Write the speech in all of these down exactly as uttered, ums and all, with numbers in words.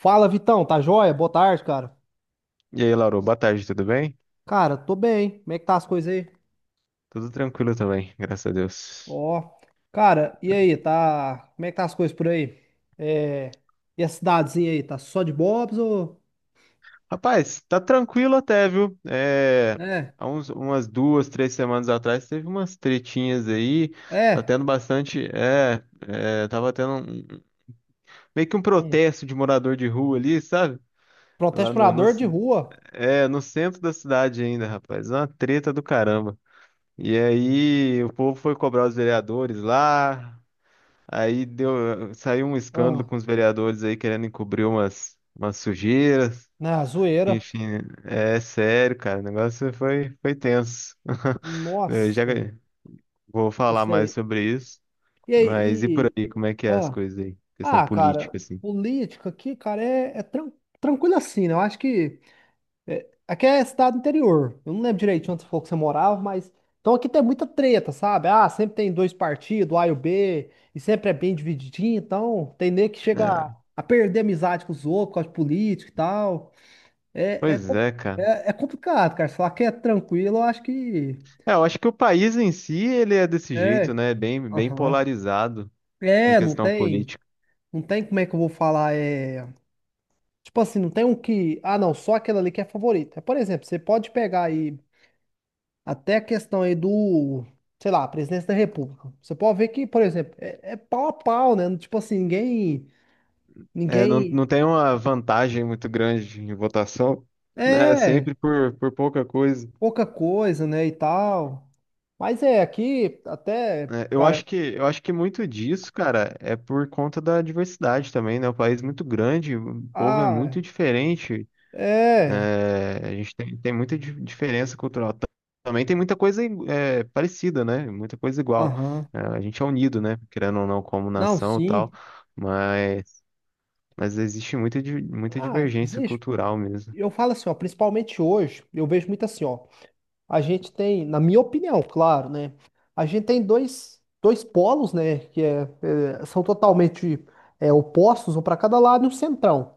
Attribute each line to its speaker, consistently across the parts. Speaker 1: Fala, Vitão, tá joia? Boa tarde, cara.
Speaker 2: E aí, Lauro, boa tarde, tudo bem?
Speaker 1: Cara, tô bem. Como é que tá as coisas aí?
Speaker 2: Tudo tranquilo também, graças a Deus.
Speaker 1: Ó, cara, e aí, tá? Como é que tá as coisas por aí? É... E a cidadezinha aí, tá só de bobs ou...
Speaker 2: Rapaz, tá tranquilo até, viu? É,
Speaker 1: É,
Speaker 2: há uns, umas duas, três semanas atrás teve umas tretinhas aí, tá
Speaker 1: é.
Speaker 2: tendo bastante. É, é, tava tendo um- meio que um
Speaker 1: Hum.
Speaker 2: protesto de morador de rua ali, sabe?
Speaker 1: Protesto
Speaker 2: Lá
Speaker 1: pra
Speaker 2: no, no,
Speaker 1: dor de rua.
Speaker 2: é, no centro da cidade ainda, rapaz. Uma treta do caramba. E aí, o povo foi cobrar os vereadores lá. Aí deu, saiu um escândalo
Speaker 1: Ah,
Speaker 2: com os vereadores aí querendo encobrir umas, umas sujeiras.
Speaker 1: na zoeira.
Speaker 2: Enfim, é sério, cara. O negócio foi, foi tenso. Eu já
Speaker 1: Nossa,
Speaker 2: vou falar
Speaker 1: isso
Speaker 2: mais
Speaker 1: aí.
Speaker 2: sobre isso.
Speaker 1: E aí,
Speaker 2: Mas e por
Speaker 1: e...
Speaker 2: aí, como é que é as
Speaker 1: Ah,
Speaker 2: coisas aí? Questão
Speaker 1: ah, cara,
Speaker 2: política, assim.
Speaker 1: política aqui, cara, é, é tran- tranquilo assim, né? Eu acho que. É, aqui é cidade interior. Eu não lembro direito onde você falou que você morava, mas. Então aqui tem muita treta, sabe? Ah, sempre tem dois partidos, A e o B, e sempre é bem divididinho, então tem nego que chega a
Speaker 2: É,
Speaker 1: a perder amizade com os outros, por causa de político e tal. É, é,
Speaker 2: Pois
Speaker 1: com-
Speaker 2: é, cara.
Speaker 1: é, é complicado, cara. Se falar que é tranquilo, eu acho que.
Speaker 2: É, eu acho que o país em si, ele é desse jeito,
Speaker 1: É.
Speaker 2: né? Bem, bem
Speaker 1: Aham.
Speaker 2: polarizado em
Speaker 1: É, não
Speaker 2: questão
Speaker 1: tem.
Speaker 2: política.
Speaker 1: Não tem como é que eu vou falar. É... Tipo assim, não tem um que. Ah, não, só aquele ali que é favorito. É, por exemplo, você pode pegar aí. Até a questão aí do, sei lá, presidência da República. Você pode ver que, por exemplo, é, é pau a pau, né? Tipo assim, ninguém,
Speaker 2: É, não,
Speaker 1: ninguém,
Speaker 2: não tem uma vantagem muito grande em votação, né?
Speaker 1: é,
Speaker 2: Sempre por, por pouca coisa.
Speaker 1: pouca coisa, né, e tal. Mas é, aqui até,
Speaker 2: É, eu
Speaker 1: cara,
Speaker 2: acho que eu acho que muito disso, cara, é por conta da diversidade também, né? O país é muito grande, o povo é
Speaker 1: ah,
Speaker 2: muito diferente,
Speaker 1: é,
Speaker 2: é, a gente tem, tem muita di- diferença cultural. Ta- Também tem muita coisa igu- é, parecida, né? Muita coisa igual.
Speaker 1: aham,
Speaker 2: É, a gente é unido, né? Querendo ou não, como
Speaker 1: não,
Speaker 2: nação e
Speaker 1: sim,
Speaker 2: tal, mas, mas existe muita, di- muita
Speaker 1: ah,
Speaker 2: divergência
Speaker 1: existe.
Speaker 2: cultural mesmo.
Speaker 1: Eu falo assim, ó, principalmente hoje, eu vejo muito assim, ó, a gente tem, na minha opinião, claro, né? A gente tem dois, dois polos, né? Que é, é, são totalmente é, opostos, um para cada lado e um centrão.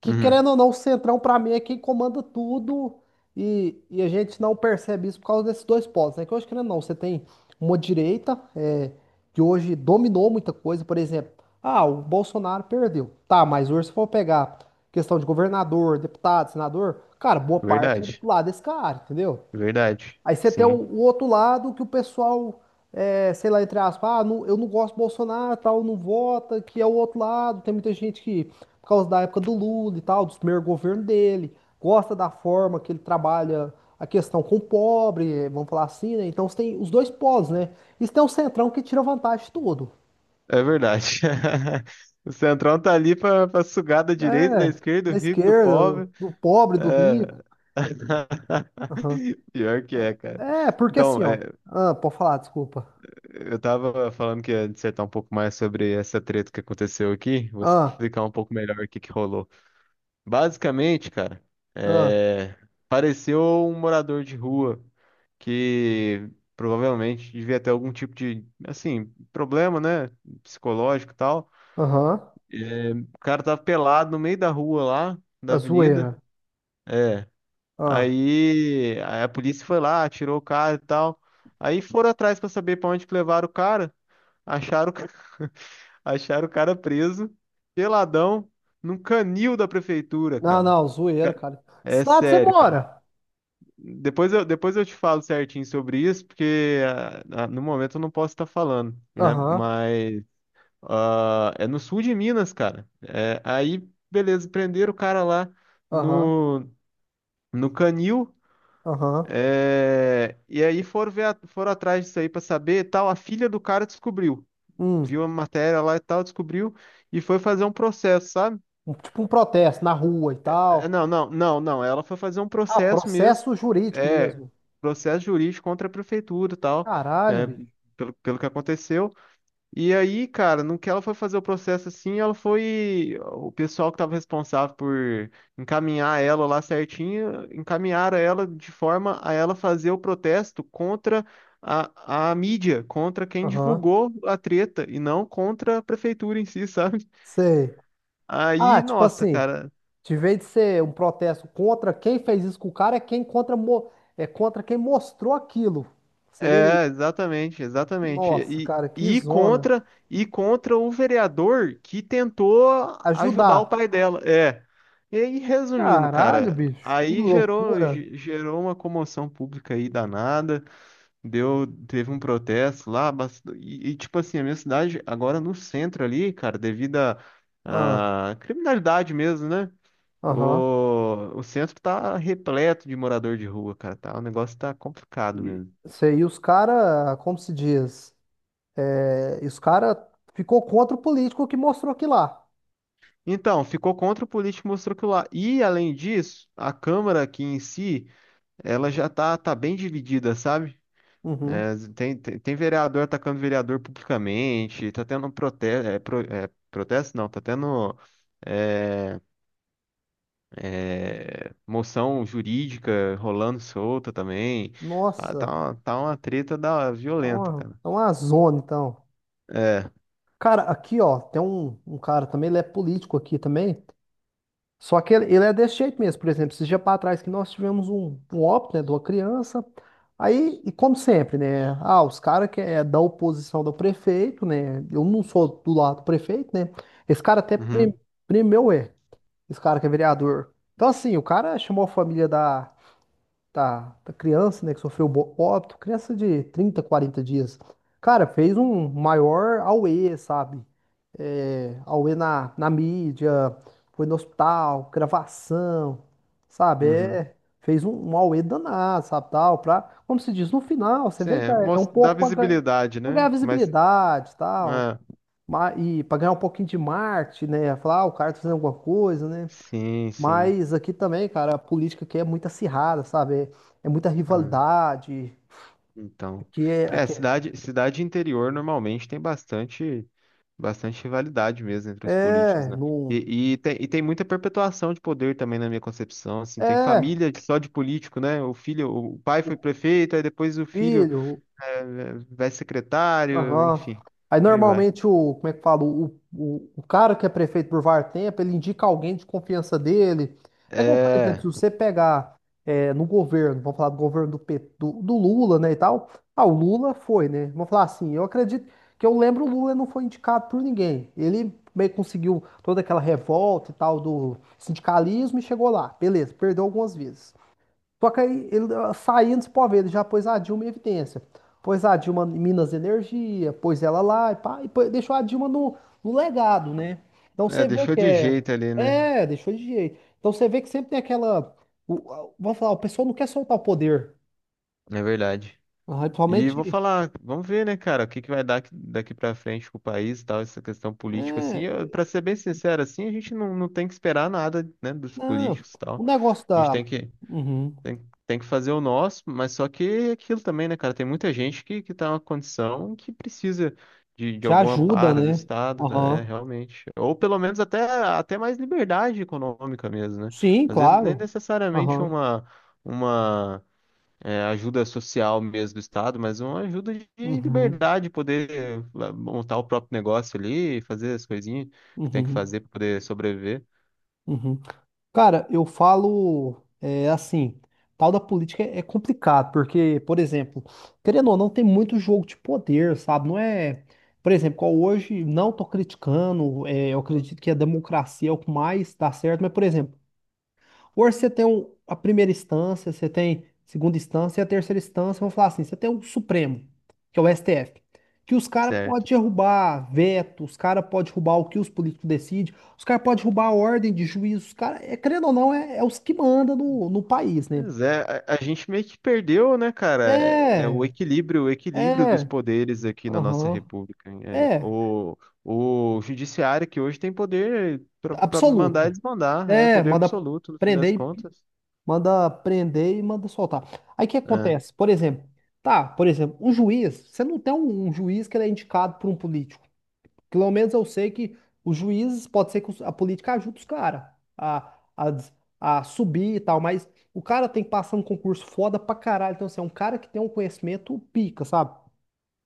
Speaker 1: Que
Speaker 2: Uhum,
Speaker 1: querendo ou não, o centrão para mim é quem comanda tudo e, e a gente não percebe isso por causa desses dois polos, né? Que hoje, querendo ou não, você tem uma direita é, que hoje dominou muita coisa, por exemplo, ah, o Bolsonaro perdeu. Tá, mas hoje se for pegar questão de governador, deputado, senador, cara, boa parte é
Speaker 2: verdade,
Speaker 1: do lado desse cara, entendeu?
Speaker 2: verdade,
Speaker 1: Aí você tem o,
Speaker 2: sim.
Speaker 1: o outro lado que o pessoal, é, sei lá, entre aspas, ah, não- eu não gosto do Bolsonaro, tal, não vota, que é o outro lado. Tem muita gente que, por causa da época do Lula e tal, dos primeiros governos dele, gosta da forma que ele trabalha a questão com o pobre, eh, vamos falar assim, né? Então você tem os dois polos, né? Isso tem um centrão que tira vantagem de tudo.
Speaker 2: É verdade. O Centrão tá ali pra, pra sugar da direita, da
Speaker 1: É,
Speaker 2: esquerda,
Speaker 1: da
Speaker 2: do rico, do
Speaker 1: esquerda,
Speaker 2: pobre.
Speaker 1: do pobre, do rico.
Speaker 2: É.
Speaker 1: Aham.
Speaker 2: Pior que é, cara.
Speaker 1: É, porque assim,
Speaker 2: Então,
Speaker 1: ó.
Speaker 2: é,
Speaker 1: Ah, pode falar, desculpa.
Speaker 2: eu tava falando que ia dissertar um pouco mais sobre essa treta que aconteceu aqui. Vou
Speaker 1: Ah,
Speaker 2: explicar um pouco melhor o que que rolou. Basicamente, cara,
Speaker 1: ah,
Speaker 2: é, apareceu um morador de rua que provavelmente devia ter algum tipo de, assim, problema, né, psicológico e tal.
Speaker 1: aham.
Speaker 2: O cara tava pelado no meio da rua lá, da
Speaker 1: A
Speaker 2: avenida.
Speaker 1: zoeira.
Speaker 2: É.
Speaker 1: Ah.
Speaker 2: Aí, aí a polícia foi lá, tirou o cara e tal. Aí foram atrás pra saber pra onde que levaram o cara. Acharam, o ca- Acharam o cara preso, peladão, num canil da prefeitura,
Speaker 1: Não,
Speaker 2: cara.
Speaker 1: não, zoeira, cara. Que
Speaker 2: É
Speaker 1: cidade você
Speaker 2: sério, cara.
Speaker 1: mora?
Speaker 2: Depois eu, depois eu te falo certinho sobre isso, porque ah, ah, no momento eu não posso estar falando, né?
Speaker 1: Aham,
Speaker 2: Mas ah, é no sul de Minas, cara. É, aí, beleza, prenderam o cara lá
Speaker 1: aham,
Speaker 2: no, no canil.
Speaker 1: aham.
Speaker 2: é, E aí foram ver, a- foram atrás disso aí pra saber, e tal. A filha do cara descobriu,
Speaker 1: Hum,
Speaker 2: viu uma matéria lá e tal, descobriu e foi fazer um processo, sabe?
Speaker 1: um- tipo um protesto na rua e
Speaker 2: É,
Speaker 1: tal.
Speaker 2: Não, não, não, não. Ela foi fazer um
Speaker 1: Ah,
Speaker 2: processo mesmo,
Speaker 1: processo jurídico
Speaker 2: é
Speaker 1: mesmo.
Speaker 2: processo jurídico contra a prefeitura, e tal,
Speaker 1: Caralho,
Speaker 2: é,
Speaker 1: bicho.
Speaker 2: pelo, pelo que aconteceu. E aí, cara, no que ela foi fazer o processo assim, ela foi. O pessoal que estava responsável por encaminhar ela lá certinho, encaminharam ela de forma a ela fazer o protesto contra a, a mídia, contra quem
Speaker 1: Aham,
Speaker 2: divulgou a treta, e não contra a prefeitura em si, sabe?
Speaker 1: sei. Ah,
Speaker 2: Aí,
Speaker 1: tipo
Speaker 2: nossa,
Speaker 1: assim,
Speaker 2: cara.
Speaker 1: de vez de ser um protesto contra quem fez isso com o cara, é quem contra, mo- é contra quem mostrou aquilo. Seria isso.
Speaker 2: É, exatamente, exatamente.
Speaker 1: Nossa,
Speaker 2: E,
Speaker 1: cara, que
Speaker 2: e
Speaker 1: zona.
Speaker 2: contra e contra o vereador que tentou ajudar o
Speaker 1: Ajudar.
Speaker 2: pai dela. É. E aí, resumindo,
Speaker 1: Caralho,
Speaker 2: cara,
Speaker 1: bicho. Que
Speaker 2: aí gerou
Speaker 1: loucura.
Speaker 2: ge- gerou uma comoção pública aí danada, deu teve um protesto lá, bas- e, e, tipo assim, a minha cidade agora no centro ali, cara, devido à
Speaker 1: Ah,
Speaker 2: à criminalidade mesmo, né?
Speaker 1: aham.
Speaker 2: O, o centro tá repleto de morador de rua, cara, tá? O negócio tá complicado
Speaker 1: E-
Speaker 2: mesmo.
Speaker 1: Sei, e os cara, como se diz, é, e os cara ficou contra o político que mostrou aqui lá.
Speaker 2: Então, ficou contra o político mostrou que lá. E, além disso, a Câmara aqui em si, ela já tá, tá bem dividida, sabe?
Speaker 1: Uhum.
Speaker 2: É, tem, tem, tem vereador atacando vereador publicamente, tá tendo protesto, é, pro- é, protesto não, tá tendo é, é, moção jurídica rolando solta também. Tá, tá
Speaker 1: Nossa,
Speaker 2: uma, tá uma treta da,
Speaker 1: tá
Speaker 2: violenta,
Speaker 1: uma,
Speaker 2: cara.
Speaker 1: tá uma zona, então.
Speaker 2: É.
Speaker 1: Cara, aqui, ó, tem um, um cara também, ele é político aqui também, só que ele, ele é desse jeito mesmo. Por exemplo, esses dias pra trás que nós tivemos um, um óbito, né, de uma criança, aí, e como sempre, né, ah, os caras que é da oposição do prefeito, né, eu não sou do lado do prefeito, né, esse cara até prim,
Speaker 2: Uhum,
Speaker 1: primeu é. Esse cara que é vereador. Então, assim, o cara chamou a família da, da, da criança, né, que sofreu bo- óbito, criança de trinta, quarenta dias. Cara, fez um maior auê, sabe? É, auê na, na mídia, foi no hospital, gravação, sabe?
Speaker 2: uhum.
Speaker 1: É, fez um, um auê danado, sabe? Tal, pra, como se diz, no final, você
Speaker 2: Sim,
Speaker 1: vê que
Speaker 2: é,
Speaker 1: é, é um
Speaker 2: mos- dá
Speaker 1: pouco pra, ganhar-
Speaker 2: visibilidade,
Speaker 1: pra ganhar
Speaker 2: né? Mas,
Speaker 1: visibilidade, tal,
Speaker 2: ah,
Speaker 1: ma- e pra ganhar um pouquinho de marketing, né? Falar, ah, o cara tá fazendo alguma coisa, né?
Speaker 2: sim, sim.
Speaker 1: Mas aqui também, cara, a política aqui é muito acirrada, sabe? É, é muita
Speaker 2: É.
Speaker 1: rivalidade.
Speaker 2: Então,
Speaker 1: Aqui é,
Speaker 2: é,
Speaker 1: aqui é,
Speaker 2: cidade, cidade interior normalmente tem bastante, bastante rivalidade mesmo entre os políticos,
Speaker 1: é,
Speaker 2: né?
Speaker 1: no,
Speaker 2: E, e, tem, e tem muita perpetuação de poder também na minha concepção, assim, tem
Speaker 1: é,
Speaker 2: família de- só de político, né? O filho, o pai
Speaker 1: o
Speaker 2: foi prefeito, aí depois o filho
Speaker 1: filho,
Speaker 2: é, é, vai secretário,
Speaker 1: Aham.
Speaker 2: enfim,
Speaker 1: Aí
Speaker 2: aí vai.
Speaker 1: normalmente o, como é que fala, o, o, o cara que é prefeito por var tempo, ele indica alguém de confiança dele. É igual, por exemplo,
Speaker 2: É,
Speaker 1: se você pegar é, no governo, vamos falar do governo do, P- do, do Lula, né, e tal. Ah, o Lula foi, né? Vamos falar assim, eu acredito que eu lembro o Lula não foi indicado por ninguém. Ele meio que conseguiu toda aquela revolta e tal do sindicalismo e chegou lá. Beleza, perdeu algumas vezes. Só que aí ele ah, saindo, você pode ver, ele já pôs a Dilma em evidência. Pôs a Dilma em Minas Energia, pôs ela lá e pá, e pô- deixou a Dilma no, no legado, né? Então
Speaker 2: é,
Speaker 1: você vê
Speaker 2: deixou
Speaker 1: que
Speaker 2: de
Speaker 1: é.
Speaker 2: jeito ali, né?
Speaker 1: É, deixou de jeito. Então você vê que sempre tem aquela. o- a- vamos falar, o pessoal não quer soltar o poder.
Speaker 2: É verdade.
Speaker 1: Ah,
Speaker 2: E vou
Speaker 1: principalmente.
Speaker 2: falar, vamos ver, né, cara, o que que vai dar aqui- daqui pra frente com o país e tal, essa questão política, assim,
Speaker 1: É,
Speaker 2: eu, pra ser bem sincero, assim, a gente não, não tem que esperar nada, né, dos
Speaker 1: não.
Speaker 2: políticos e
Speaker 1: O
Speaker 2: tal,
Speaker 1: negócio
Speaker 2: a gente tem
Speaker 1: da.
Speaker 2: que,
Speaker 1: Uhum.
Speaker 2: tem, tem que fazer o nosso, mas só que é aquilo também, né, cara, tem muita gente que, que tá numa condição que precisa de, de
Speaker 1: Já
Speaker 2: algum
Speaker 1: ajuda,
Speaker 2: amparo do
Speaker 1: né?
Speaker 2: Estado, tá, né,
Speaker 1: Aham.
Speaker 2: realmente, ou pelo menos até, até mais liberdade econômica mesmo, né,
Speaker 1: Sim,
Speaker 2: às vezes nem
Speaker 1: claro.
Speaker 2: necessariamente
Speaker 1: Aham.
Speaker 2: uma... uma é, ajuda social mesmo do Estado, mas uma ajuda de
Speaker 1: Uhum.
Speaker 2: liberdade, poder lá, montar o próprio negócio ali, fazer as coisinhas que tem
Speaker 1: Uhum.
Speaker 2: que
Speaker 1: Uhum.
Speaker 2: fazer para poder sobreviver.
Speaker 1: Uhum. Cara, eu falo é, assim, tal da política é é complicado, porque, por exemplo, querendo ou não, tem muito jogo de poder, sabe? Não é, por exemplo, qual hoje não tô criticando, é, eu acredito que a democracia é o que mais dá certo, mas, por exemplo, hoje você tem um- a primeira instância, você tem segunda instância e a terceira instância, vamos falar assim, você tem o Supremo, que é o S T F, que os caras podem
Speaker 2: Certo.
Speaker 1: derrubar veto, os caras podem derrubar o que os políticos decidem, os caras podem derrubar a ordem de juízo, os caras, é, querendo ou não, é, é os que mandam no, no país, né?
Speaker 2: Pois é, a, a gente meio que perdeu, né, cara? É, é
Speaker 1: É,
Speaker 2: o equilíbrio, o equilíbrio, dos
Speaker 1: é,
Speaker 2: poderes aqui na nossa
Speaker 1: aham,
Speaker 2: república. Hein? É,
Speaker 1: é,
Speaker 2: o, o judiciário que hoje tem poder para mandar e
Speaker 1: absoluto.
Speaker 2: desmandar, é
Speaker 1: É,
Speaker 2: poder
Speaker 1: manda
Speaker 2: absoluto no fim das
Speaker 1: prender
Speaker 2: contas.
Speaker 1: manda prender e manda soltar. Aí o que
Speaker 2: É,
Speaker 1: acontece? Por exemplo, tá, por exemplo, o juiz, você não tem um, um juiz que ele é indicado por um político. Pelo menos eu sei que os juízes, pode ser que os- a política ajude os caras a, a, des- a subir e tal, mas o cara tem que passar um concurso foda pra caralho. Então, assim, é um cara que tem um conhecimento pica, sabe?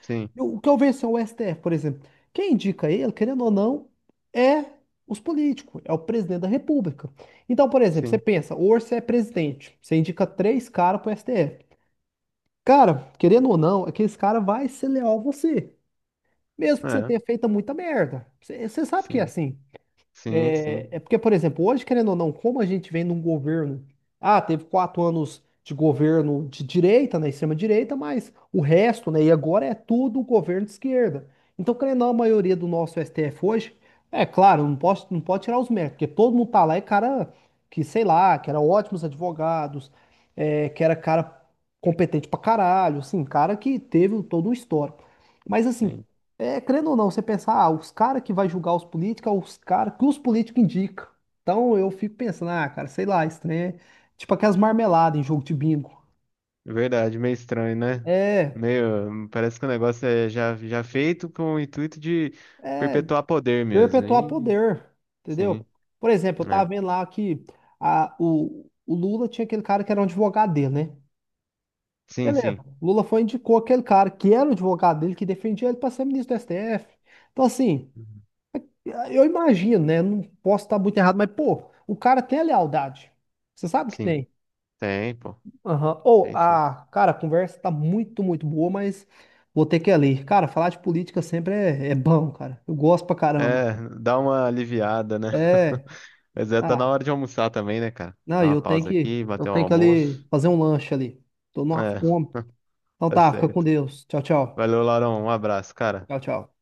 Speaker 2: sim,
Speaker 1: O que eu vejo assim, é o S T F, por exemplo. Quem indica ele, querendo ou não, é os políticos, é o presidente da República. Então, por exemplo, você
Speaker 2: sim,
Speaker 1: pensa, hoje você é presidente, você indica três caras pro S T F. Cara, querendo ou não, aqueles cara vai ser leal a você. Mesmo que você
Speaker 2: é,
Speaker 1: tenha feito muita merda. Você, você sabe que é
Speaker 2: sim,
Speaker 1: assim.
Speaker 2: sim,
Speaker 1: É,
Speaker 2: sim,
Speaker 1: é porque, por exemplo, hoje, querendo ou não, como a gente vem num governo. Ah, teve quatro anos de governo de direita, né, extrema-direita, mas o resto, né, e agora é tudo governo de esquerda. Então, querendo ou não, a maioria do nosso S T F hoje, é claro, não posso, não pode tirar os méritos, porque todo mundo tá lá é cara que, sei lá, que era ótimos advogados, é, que era cara competente pra caralho, assim, cara que teve todo um histórico. Mas, assim,
Speaker 2: sim.
Speaker 1: é, crendo ou não, você pensar, ah, os caras que vai julgar os políticos, é os caras que os políticos indicam. Então eu fico pensando, ah, cara, sei lá, esse trem é tipo aquelas marmeladas em jogo de bingo.
Speaker 2: Verdade, meio estranho, né?
Speaker 1: É,
Speaker 2: Meio, parece que o negócio é já, já feito com o intuito de perpetuar poder mesmo.
Speaker 1: perpetuar
Speaker 2: E,
Speaker 1: poder, entendeu?
Speaker 2: sim,
Speaker 1: Por exemplo, eu tava
Speaker 2: né?
Speaker 1: vendo lá que a, o, o Lula tinha aquele cara que era um advogado dele, né?
Speaker 2: Sim,
Speaker 1: Beleza,
Speaker 2: sim.
Speaker 1: o Lula foi e indicou aquele cara que era o advogado dele, que defendia ele pra ser ministro do S T F. Então, assim,
Speaker 2: Uhum.
Speaker 1: eu imagino, né? Não posso estar muito errado, mas, pô, o cara tem a lealdade. Você sabe que
Speaker 2: Sim,
Speaker 1: tem.
Speaker 2: tem, pô.
Speaker 1: Aham. Ou,
Speaker 2: Tem sim.
Speaker 1: a cara, a conversa tá muito, muito boa, mas vou ter que ir ali. Cara, falar de política sempre é, é bom, cara. Eu gosto pra caramba.
Speaker 2: É, dá uma aliviada, né?
Speaker 1: É.
Speaker 2: Mas é, tá na
Speaker 1: Ah,
Speaker 2: hora de almoçar também, né, cara?
Speaker 1: não,
Speaker 2: Dá
Speaker 1: e
Speaker 2: uma
Speaker 1: eu tenho
Speaker 2: pausa
Speaker 1: que,
Speaker 2: aqui,
Speaker 1: eu
Speaker 2: bater um
Speaker 1: tenho que ali
Speaker 2: almoço.
Speaker 1: fazer um lanche ali. Tô numa
Speaker 2: É,
Speaker 1: fome. Então
Speaker 2: tá
Speaker 1: tá, fica com
Speaker 2: certo.
Speaker 1: Deus. Tchau, tchau.
Speaker 2: Valeu, Laurão. Um abraço, cara.
Speaker 1: Tchau, tchau.